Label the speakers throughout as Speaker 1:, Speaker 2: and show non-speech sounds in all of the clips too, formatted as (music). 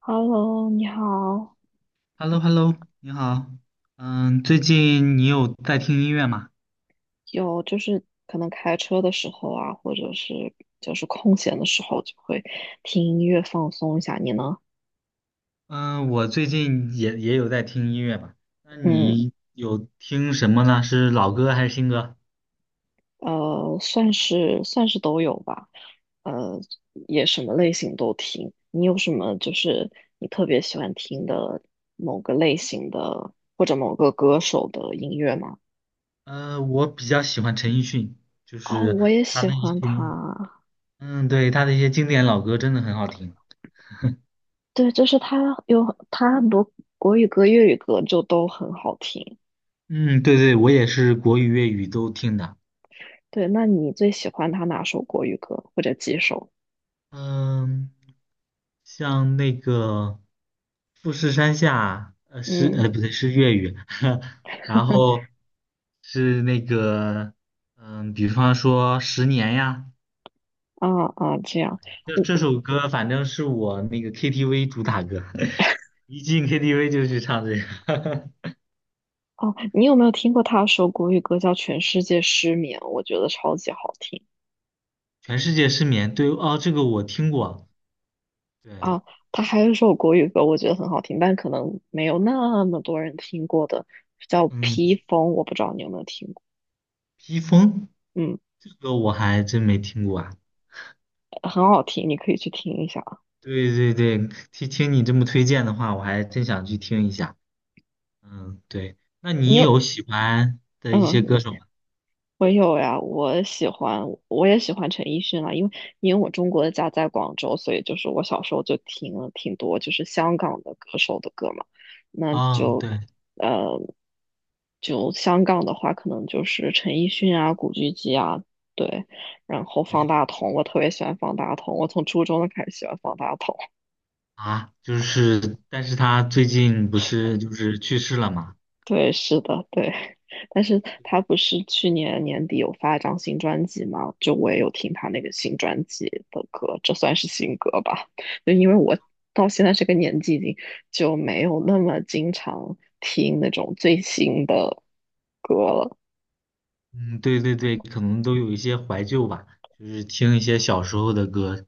Speaker 1: Hello，你好。
Speaker 2: h e l l o h e l l o 你好。嗯，最近你有在听音乐吗？
Speaker 1: 有就是可能开车的时候啊，或者是就是空闲的时候，就会听音乐放松一下。你呢？
Speaker 2: 嗯，我最近也有在听音乐吧。那
Speaker 1: 嗯，
Speaker 2: 你有听什么呢？是老歌还是新歌？
Speaker 1: 算是都有吧。呃，也什么类型都听。你有什么就是你特别喜欢听的某个类型的或者某个歌手的音乐吗？
Speaker 2: 我比较喜欢陈奕迅，就
Speaker 1: 哦，
Speaker 2: 是
Speaker 1: 我也
Speaker 2: 他
Speaker 1: 喜
Speaker 2: 的一
Speaker 1: 欢
Speaker 2: 些，
Speaker 1: 他。
Speaker 2: 嗯，对，他的一些经典老歌真的很好听。
Speaker 1: 对，就是他很多国语歌、粤语歌就都很好听。
Speaker 2: 嗯，对对，我也是国语、粤语都听的。
Speaker 1: 对，那你最喜欢他哪首国语歌或者几首？
Speaker 2: 嗯，像那个富士山下，
Speaker 1: 嗯
Speaker 2: 不对，是粤语，(laughs) 然
Speaker 1: (laughs)
Speaker 2: 后是那个，嗯，比方说《十年》呀，
Speaker 1: 啊啊，这样，
Speaker 2: 这
Speaker 1: 我
Speaker 2: 这首歌反正是我那个 KTV 主打歌，(laughs) 一进 KTV 就去唱这个，
Speaker 1: 哦，你有没有听过他有首国语歌叫《全世界失眠》？我觉得超级好听
Speaker 2: (laughs) 全世界失眠，对，哦，这个我听过，对，
Speaker 1: 啊。他还有一首国语歌，我觉得很好听，但可能没有那么多人听过的，叫
Speaker 2: 嗯，
Speaker 1: 《披风》，我不知道你有没有听过。
Speaker 2: 披风
Speaker 1: 嗯，
Speaker 2: 这个我还真没听过啊。
Speaker 1: 很好听，你可以去听一下啊。
Speaker 2: 对对对，听听你这么推荐的话，我还真想去听一下。嗯，对，那
Speaker 1: 你
Speaker 2: 你
Speaker 1: 有
Speaker 2: 有喜欢的一些歌
Speaker 1: 嗯，
Speaker 2: 手吗？
Speaker 1: 我有呀，我也喜欢陈奕迅啊，因为我中国的家在广州，所以就是我小时候就听了挺多就是香港的歌手的歌嘛，那
Speaker 2: 啊、
Speaker 1: 就
Speaker 2: 对，
Speaker 1: 呃就香港的话，可能就是陈奕迅啊、古巨基啊，对，然后
Speaker 2: 哎
Speaker 1: 方大同，我特别喜欢方大同，我从初中就开始喜欢方大同。
Speaker 2: 啊，就是，但是他最近不是就是去世了嘛？
Speaker 1: 对，是的，对。但是他不是去年年底有发一张新专辑吗？就我也有听他那个新专辑的歌，这算是新歌吧？就因为我到现在这个年纪，已经就没有那么经常听那种最新的歌了。
Speaker 2: 嗯，对对对，可能都有一些怀旧吧，就是听一些小时候的歌，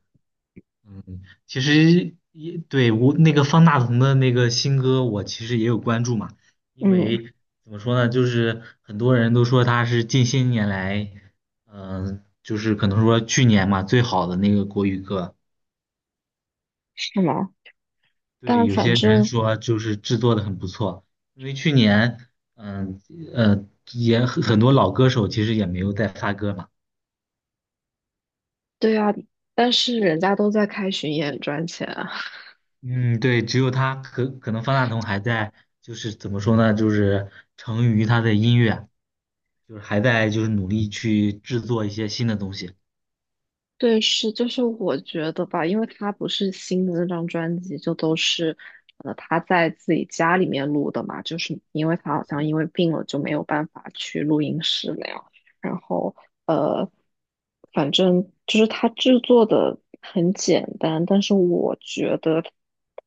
Speaker 2: 其实也对我那个方大同的那个新歌，我其实也有关注嘛，因
Speaker 1: 嗯，
Speaker 2: 为怎么说呢，就是很多人都说他是近些年来，嗯、就是可能说去年嘛最好的那个国语歌，
Speaker 1: 是吗？
Speaker 2: 对，
Speaker 1: 但
Speaker 2: 有
Speaker 1: 反
Speaker 2: 些人
Speaker 1: 正
Speaker 2: 说就是制作的很不错，因为去年，嗯呃，呃也很多老歌手其实也没有在发歌嘛。
Speaker 1: 对呀，但是人家都在开巡演赚钱。啊。
Speaker 2: 嗯，对，只有他可能方大同还在，就是怎么说呢，就是成于他的音乐，就是还在就是努力去制作一些新的东西。
Speaker 1: 对，是，就是我觉得吧，因为他不是新的那张专辑，就都是，他在自己家里面录的嘛，就是因为他好像因为病了就没有办法去录音室那样，然后呃，反正就是他制作的很简单，但是我觉得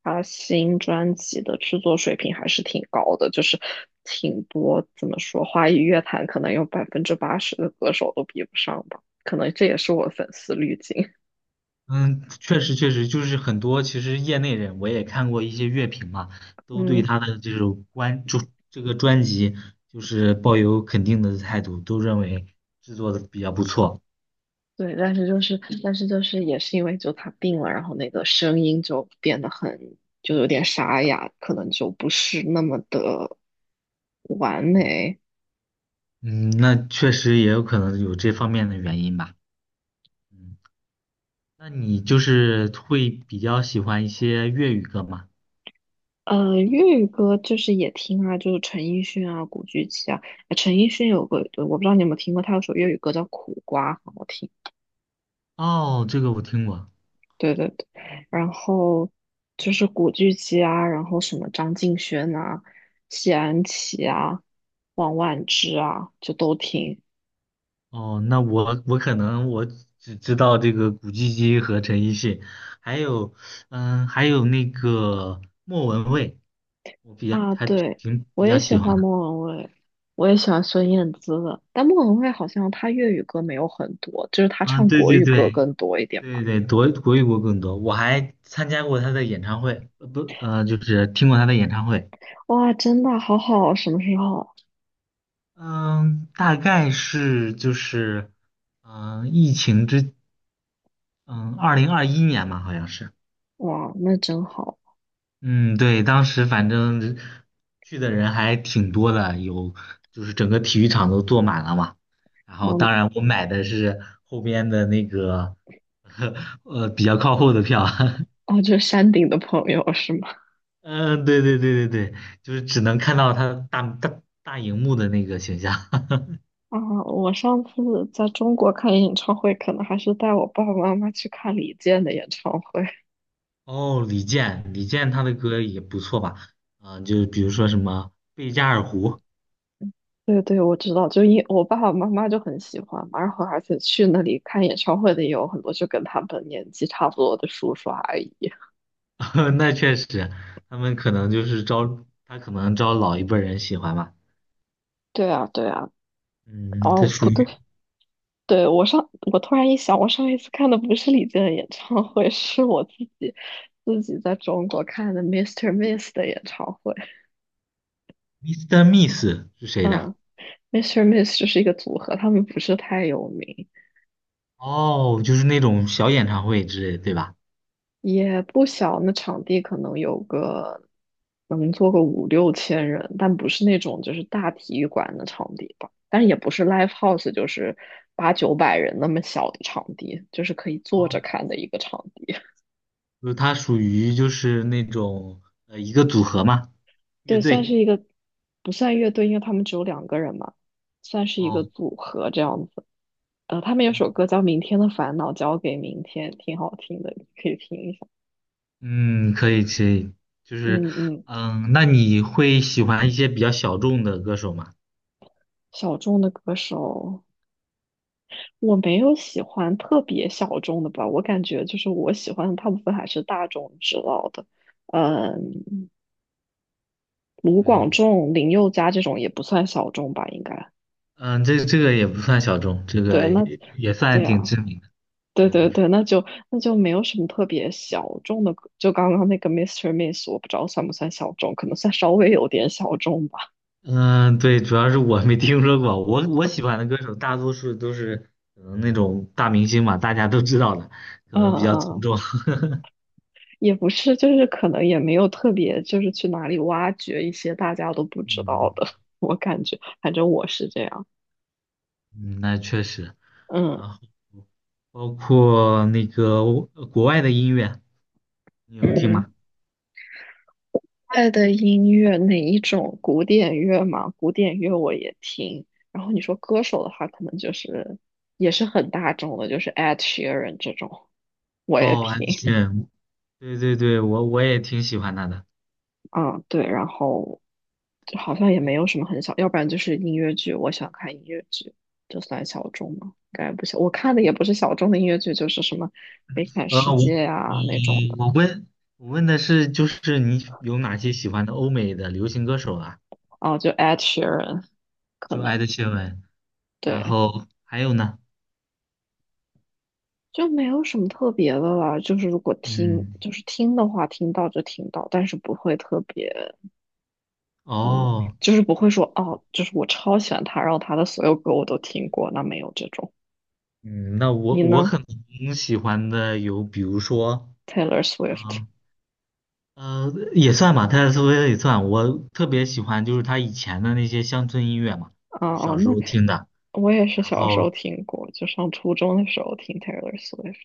Speaker 1: 他新专辑的制作水平还是挺高的，就是挺多，怎么说，华语乐坛可能有百分之八十的歌手都比不上吧。可能这也是我粉丝滤镜。
Speaker 2: 嗯，确实确实，就是很多其实业内人我也看过一些乐评嘛，都对
Speaker 1: 嗯，
Speaker 2: 他的这种关注这个专辑就是抱有肯定的态度，都认为制作的比较不错。
Speaker 1: 对，但是就是也是因为就他病了，然后那个声音就变得很，就有点沙哑，可能就不是那么的完美。
Speaker 2: 嗯，那确实也有可能有这方面的原因吧。嗯，那你就是会比较喜欢一些粤语歌吗？
Speaker 1: 粤语歌就是也听啊，就是陈奕迅啊、古巨基啊。陈奕迅有个，我不知道你有没有听过，他有首粤语歌叫《苦瓜》，很好听。
Speaker 2: 哦，这个我听过。
Speaker 1: 对对对，然后就是古巨基啊，然后什么张敬轩啊、谢安琪啊、王菀之啊，就都听
Speaker 2: 哦，那我可能只知道这个古巨基和陈奕迅，还有嗯，还有那个莫文蔚，我比较
Speaker 1: 啊。
Speaker 2: 还
Speaker 1: 对，
Speaker 2: 挺
Speaker 1: 我
Speaker 2: 比较
Speaker 1: 也喜
Speaker 2: 喜欢
Speaker 1: 欢
Speaker 2: 的。
Speaker 1: 莫文蔚，我也喜欢孙燕姿的，但莫文蔚好像她粤语歌没有很多，就是她
Speaker 2: 啊，
Speaker 1: 唱
Speaker 2: 对
Speaker 1: 国
Speaker 2: 对
Speaker 1: 语歌
Speaker 2: 对
Speaker 1: 更多一点
Speaker 2: 对
Speaker 1: 吧。
Speaker 2: 对，国语歌更多，我还参加过他的演唱会，不就是听过他的演唱会。
Speaker 1: 哇，真的好好啊，什么时候？
Speaker 2: 嗯，大概是就是疫情之嗯，2021年嘛，好像是。
Speaker 1: 哇，那真好。
Speaker 2: 嗯，对，当时反正去的人还挺多的，有就是整个体育场都坐满了嘛。然后当
Speaker 1: 嗯，
Speaker 2: 然我买的是后边的那个，(laughs) 比较靠后的票。(laughs)
Speaker 1: 哦，就是山顶的朋友是吗？
Speaker 2: 嗯，对对对对对，就是只能看到他大荧幕的那个形象。
Speaker 1: 啊，我上次在中国看演唱会，可能还是带我爸爸妈妈去看李健的演唱会。(laughs)
Speaker 2: (laughs) 哦，李健，李健他的歌也不错吧？啊、就比如说什么《贝加尔湖》，
Speaker 1: 对对，我知道，就因我爸爸妈妈就很喜欢嘛，然后而且去那里看演唱会的也有很多，就跟他们年纪差不多的叔叔阿姨。
Speaker 2: (laughs) 那确实，他们可能就是招，他可能招老一辈儿人喜欢吧。
Speaker 1: 对啊，对啊，
Speaker 2: 嗯，这
Speaker 1: 哦，不
Speaker 2: 属
Speaker 1: 对，
Speaker 2: 于
Speaker 1: 对，我突然一想，我上一次看的不是李健的演唱会，(laughs) 是我自己在中国看的 Mr. i s t e Miss 的演唱会。
Speaker 2: Mr. i s t e Miss 是谁的？
Speaker 1: 嗯，Mr. i s t e Miss 就是一个组合，他们不是太有名。
Speaker 2: 哦，就是那种小演唱会之类的，对吧？
Speaker 1: 也不小，那场地可能有个能坐个五六千人，但不是那种就是大体育馆的场地吧，但也不是 live house,就是八九百人那么小的场地，就是可以坐着
Speaker 2: 哦，
Speaker 1: 看的一个场地。(laughs)
Speaker 2: 就是它属于就是那种一个组合嘛，乐
Speaker 1: 对，算是
Speaker 2: 队。
Speaker 1: 一个不算乐队，因为他们只有两个人嘛，算是一个
Speaker 2: 哦，
Speaker 1: 组合这样子。他们有首歌叫《明天的烦恼交给明天》，挺好听的，你可以听一下。
Speaker 2: 嗯，可以可以，就是
Speaker 1: 嗯嗯，
Speaker 2: 那你会喜欢一些比较小众的歌手吗？
Speaker 1: 小众的歌手。我没有喜欢特别小众的吧，我感觉就是我喜欢的大部分还是大众知道的，嗯，卢
Speaker 2: 对，
Speaker 1: 广仲、林宥嘉这种也不算小众吧，应该。
Speaker 2: 嗯，这个也不算小众，这
Speaker 1: 对，
Speaker 2: 个
Speaker 1: 那
Speaker 2: 也算
Speaker 1: 对
Speaker 2: 挺
Speaker 1: 啊，
Speaker 2: 知名的。
Speaker 1: 对
Speaker 2: 对，
Speaker 1: 对对，那就没有什么特别小众的歌就刚刚那个 Mr. i s t e Miss,我不知道算不算小众，可能算稍微有点小众吧。
Speaker 2: 嗯，对，主要是我没听说过，我喜欢的歌手大多数都是可能那种大明星嘛，大家都知道的，可
Speaker 1: 嗯
Speaker 2: 能比较从
Speaker 1: 嗯，
Speaker 2: 众。(laughs)
Speaker 1: 也不是，就是可能也没有特别，就是去哪里挖掘一些大家都不知道
Speaker 2: 嗯
Speaker 1: 的，(laughs) 我感觉，反正我是这样。
Speaker 2: 嗯，那确实。
Speaker 1: 嗯，
Speaker 2: 然后包括那个国外的音乐，你有听吗？
Speaker 1: 嗯，爱的音乐哪一种？古典乐嘛，古典乐我也听。然后你说歌手的话，可能就是也是很大众的，就是 Ed Sheeran 这种我也
Speaker 2: 哦，安
Speaker 1: 听。
Speaker 2: 室。对对对，我也挺喜欢他的。
Speaker 1: 啊，对，然后就好像也没有什么很小，要不然就是音乐剧，我想看音乐剧，这算小众吗？应该不小，我看的也不是小众的音乐剧，就是什么《悲惨世
Speaker 2: 呃，我
Speaker 1: 界》
Speaker 2: 我
Speaker 1: 啊那种的。
Speaker 2: 我问我问的是，就是你有哪些喜欢的欧美的流行歌手啊？
Speaker 1: 哦，就 Ed Sheeran 可
Speaker 2: 就
Speaker 1: 能
Speaker 2: 艾德谢文，然
Speaker 1: 对。
Speaker 2: 后还有呢？
Speaker 1: 就没有什么特别的了，就是如果听，
Speaker 2: 嗯。
Speaker 1: 就是听的话，听到就听到，但是不会特别，嗯，
Speaker 2: 哦，
Speaker 1: 就是不会说哦，就是我超喜欢他，然后他的所有歌我都听过，那没有这种。
Speaker 2: 嗯，那我
Speaker 1: 你
Speaker 2: 我
Speaker 1: 呢
Speaker 2: 可能喜欢的有，比如说，
Speaker 1: ？Taylor Swift
Speaker 2: 嗯，也算吧，泰勒斯威夫特也算。我特别喜欢就是他以前的那些乡村音乐嘛，
Speaker 1: 啊
Speaker 2: 就
Speaker 1: 啊，
Speaker 2: 小时
Speaker 1: 那
Speaker 2: 候听的。
Speaker 1: 我也是
Speaker 2: 然
Speaker 1: 小时候
Speaker 2: 后，
Speaker 1: 听过，就上初中的时候听 Taylor Swift。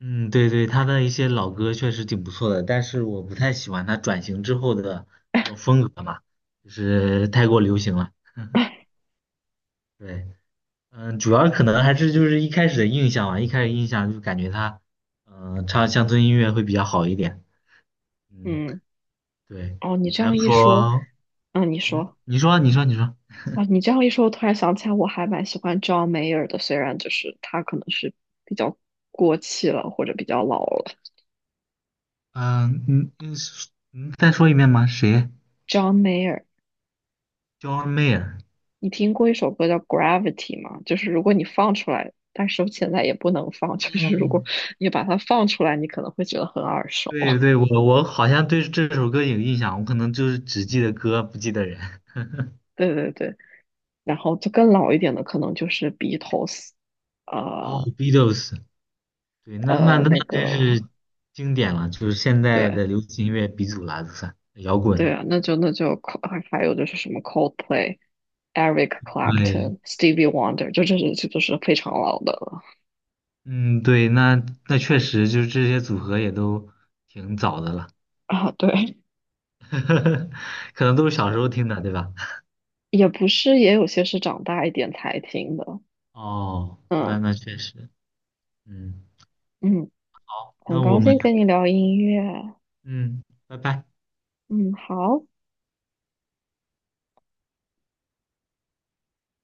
Speaker 2: 嗯，对对，他的一些老歌确实挺不错的，但是我不太喜欢他转型之后的那种风格嘛，就是太过流行了。
Speaker 1: (laughs)
Speaker 2: 对，嗯，主要可能还是就是一开始的印象吧，一开始印象就感觉他，嗯、唱乡村音乐会比较好一点。嗯。
Speaker 1: 嗯，
Speaker 2: 对，
Speaker 1: 哦，你这
Speaker 2: 还
Speaker 1: 样
Speaker 2: 有
Speaker 1: 一说，
Speaker 2: 说，
Speaker 1: 嗯，你
Speaker 2: 嗯，
Speaker 1: 说。
Speaker 2: 你说，你说，你说，
Speaker 1: 啊，你这样一说，我突然想起来，我还蛮喜欢 John Mayer 的，虽然就是他可能是比较过气了，或者比较老了。
Speaker 2: 嗯嗯嗯是再说一遍吗？谁
Speaker 1: John Mayer,
Speaker 2: ，John Mayer，
Speaker 1: 你听过一首歌叫《Gravity》吗？就是如果你放出来，但是我现在也不能放，(laughs) 就是如果
Speaker 2: 嗯，
Speaker 1: 你把它放出来，你可能会觉得很耳熟。
Speaker 2: 对对，我好像对这首歌有印象，我可能就是只记得歌，不记得人。
Speaker 1: 对对对，然后就更老一点的，可能就是 Beatles,
Speaker 2: 哦
Speaker 1: 呃
Speaker 2: ，Beatles，对，那那那
Speaker 1: 那个
Speaker 2: 真是经典了，就是现在
Speaker 1: 对。
Speaker 2: 的流行音乐鼻祖了，就算摇
Speaker 1: 对
Speaker 2: 滚。
Speaker 1: 啊，那就还有就是什么 Coldplay、Eric
Speaker 2: 对，
Speaker 1: Clapton、Stevie Wonder,就这都是非常老的了
Speaker 2: 嗯，对，那确实就是这些组合也都挺早的了，
Speaker 1: 啊。对，
Speaker 2: (laughs) 可能都是小时候听的，对吧？
Speaker 1: 也不是，也有些是长大一点才听的。
Speaker 2: 哦，那
Speaker 1: 嗯
Speaker 2: 那确实，嗯，
Speaker 1: 嗯，很
Speaker 2: 那我
Speaker 1: 高
Speaker 2: 们，
Speaker 1: 兴跟你聊音乐啊。
Speaker 2: 嗯，拜拜。
Speaker 1: 嗯，好。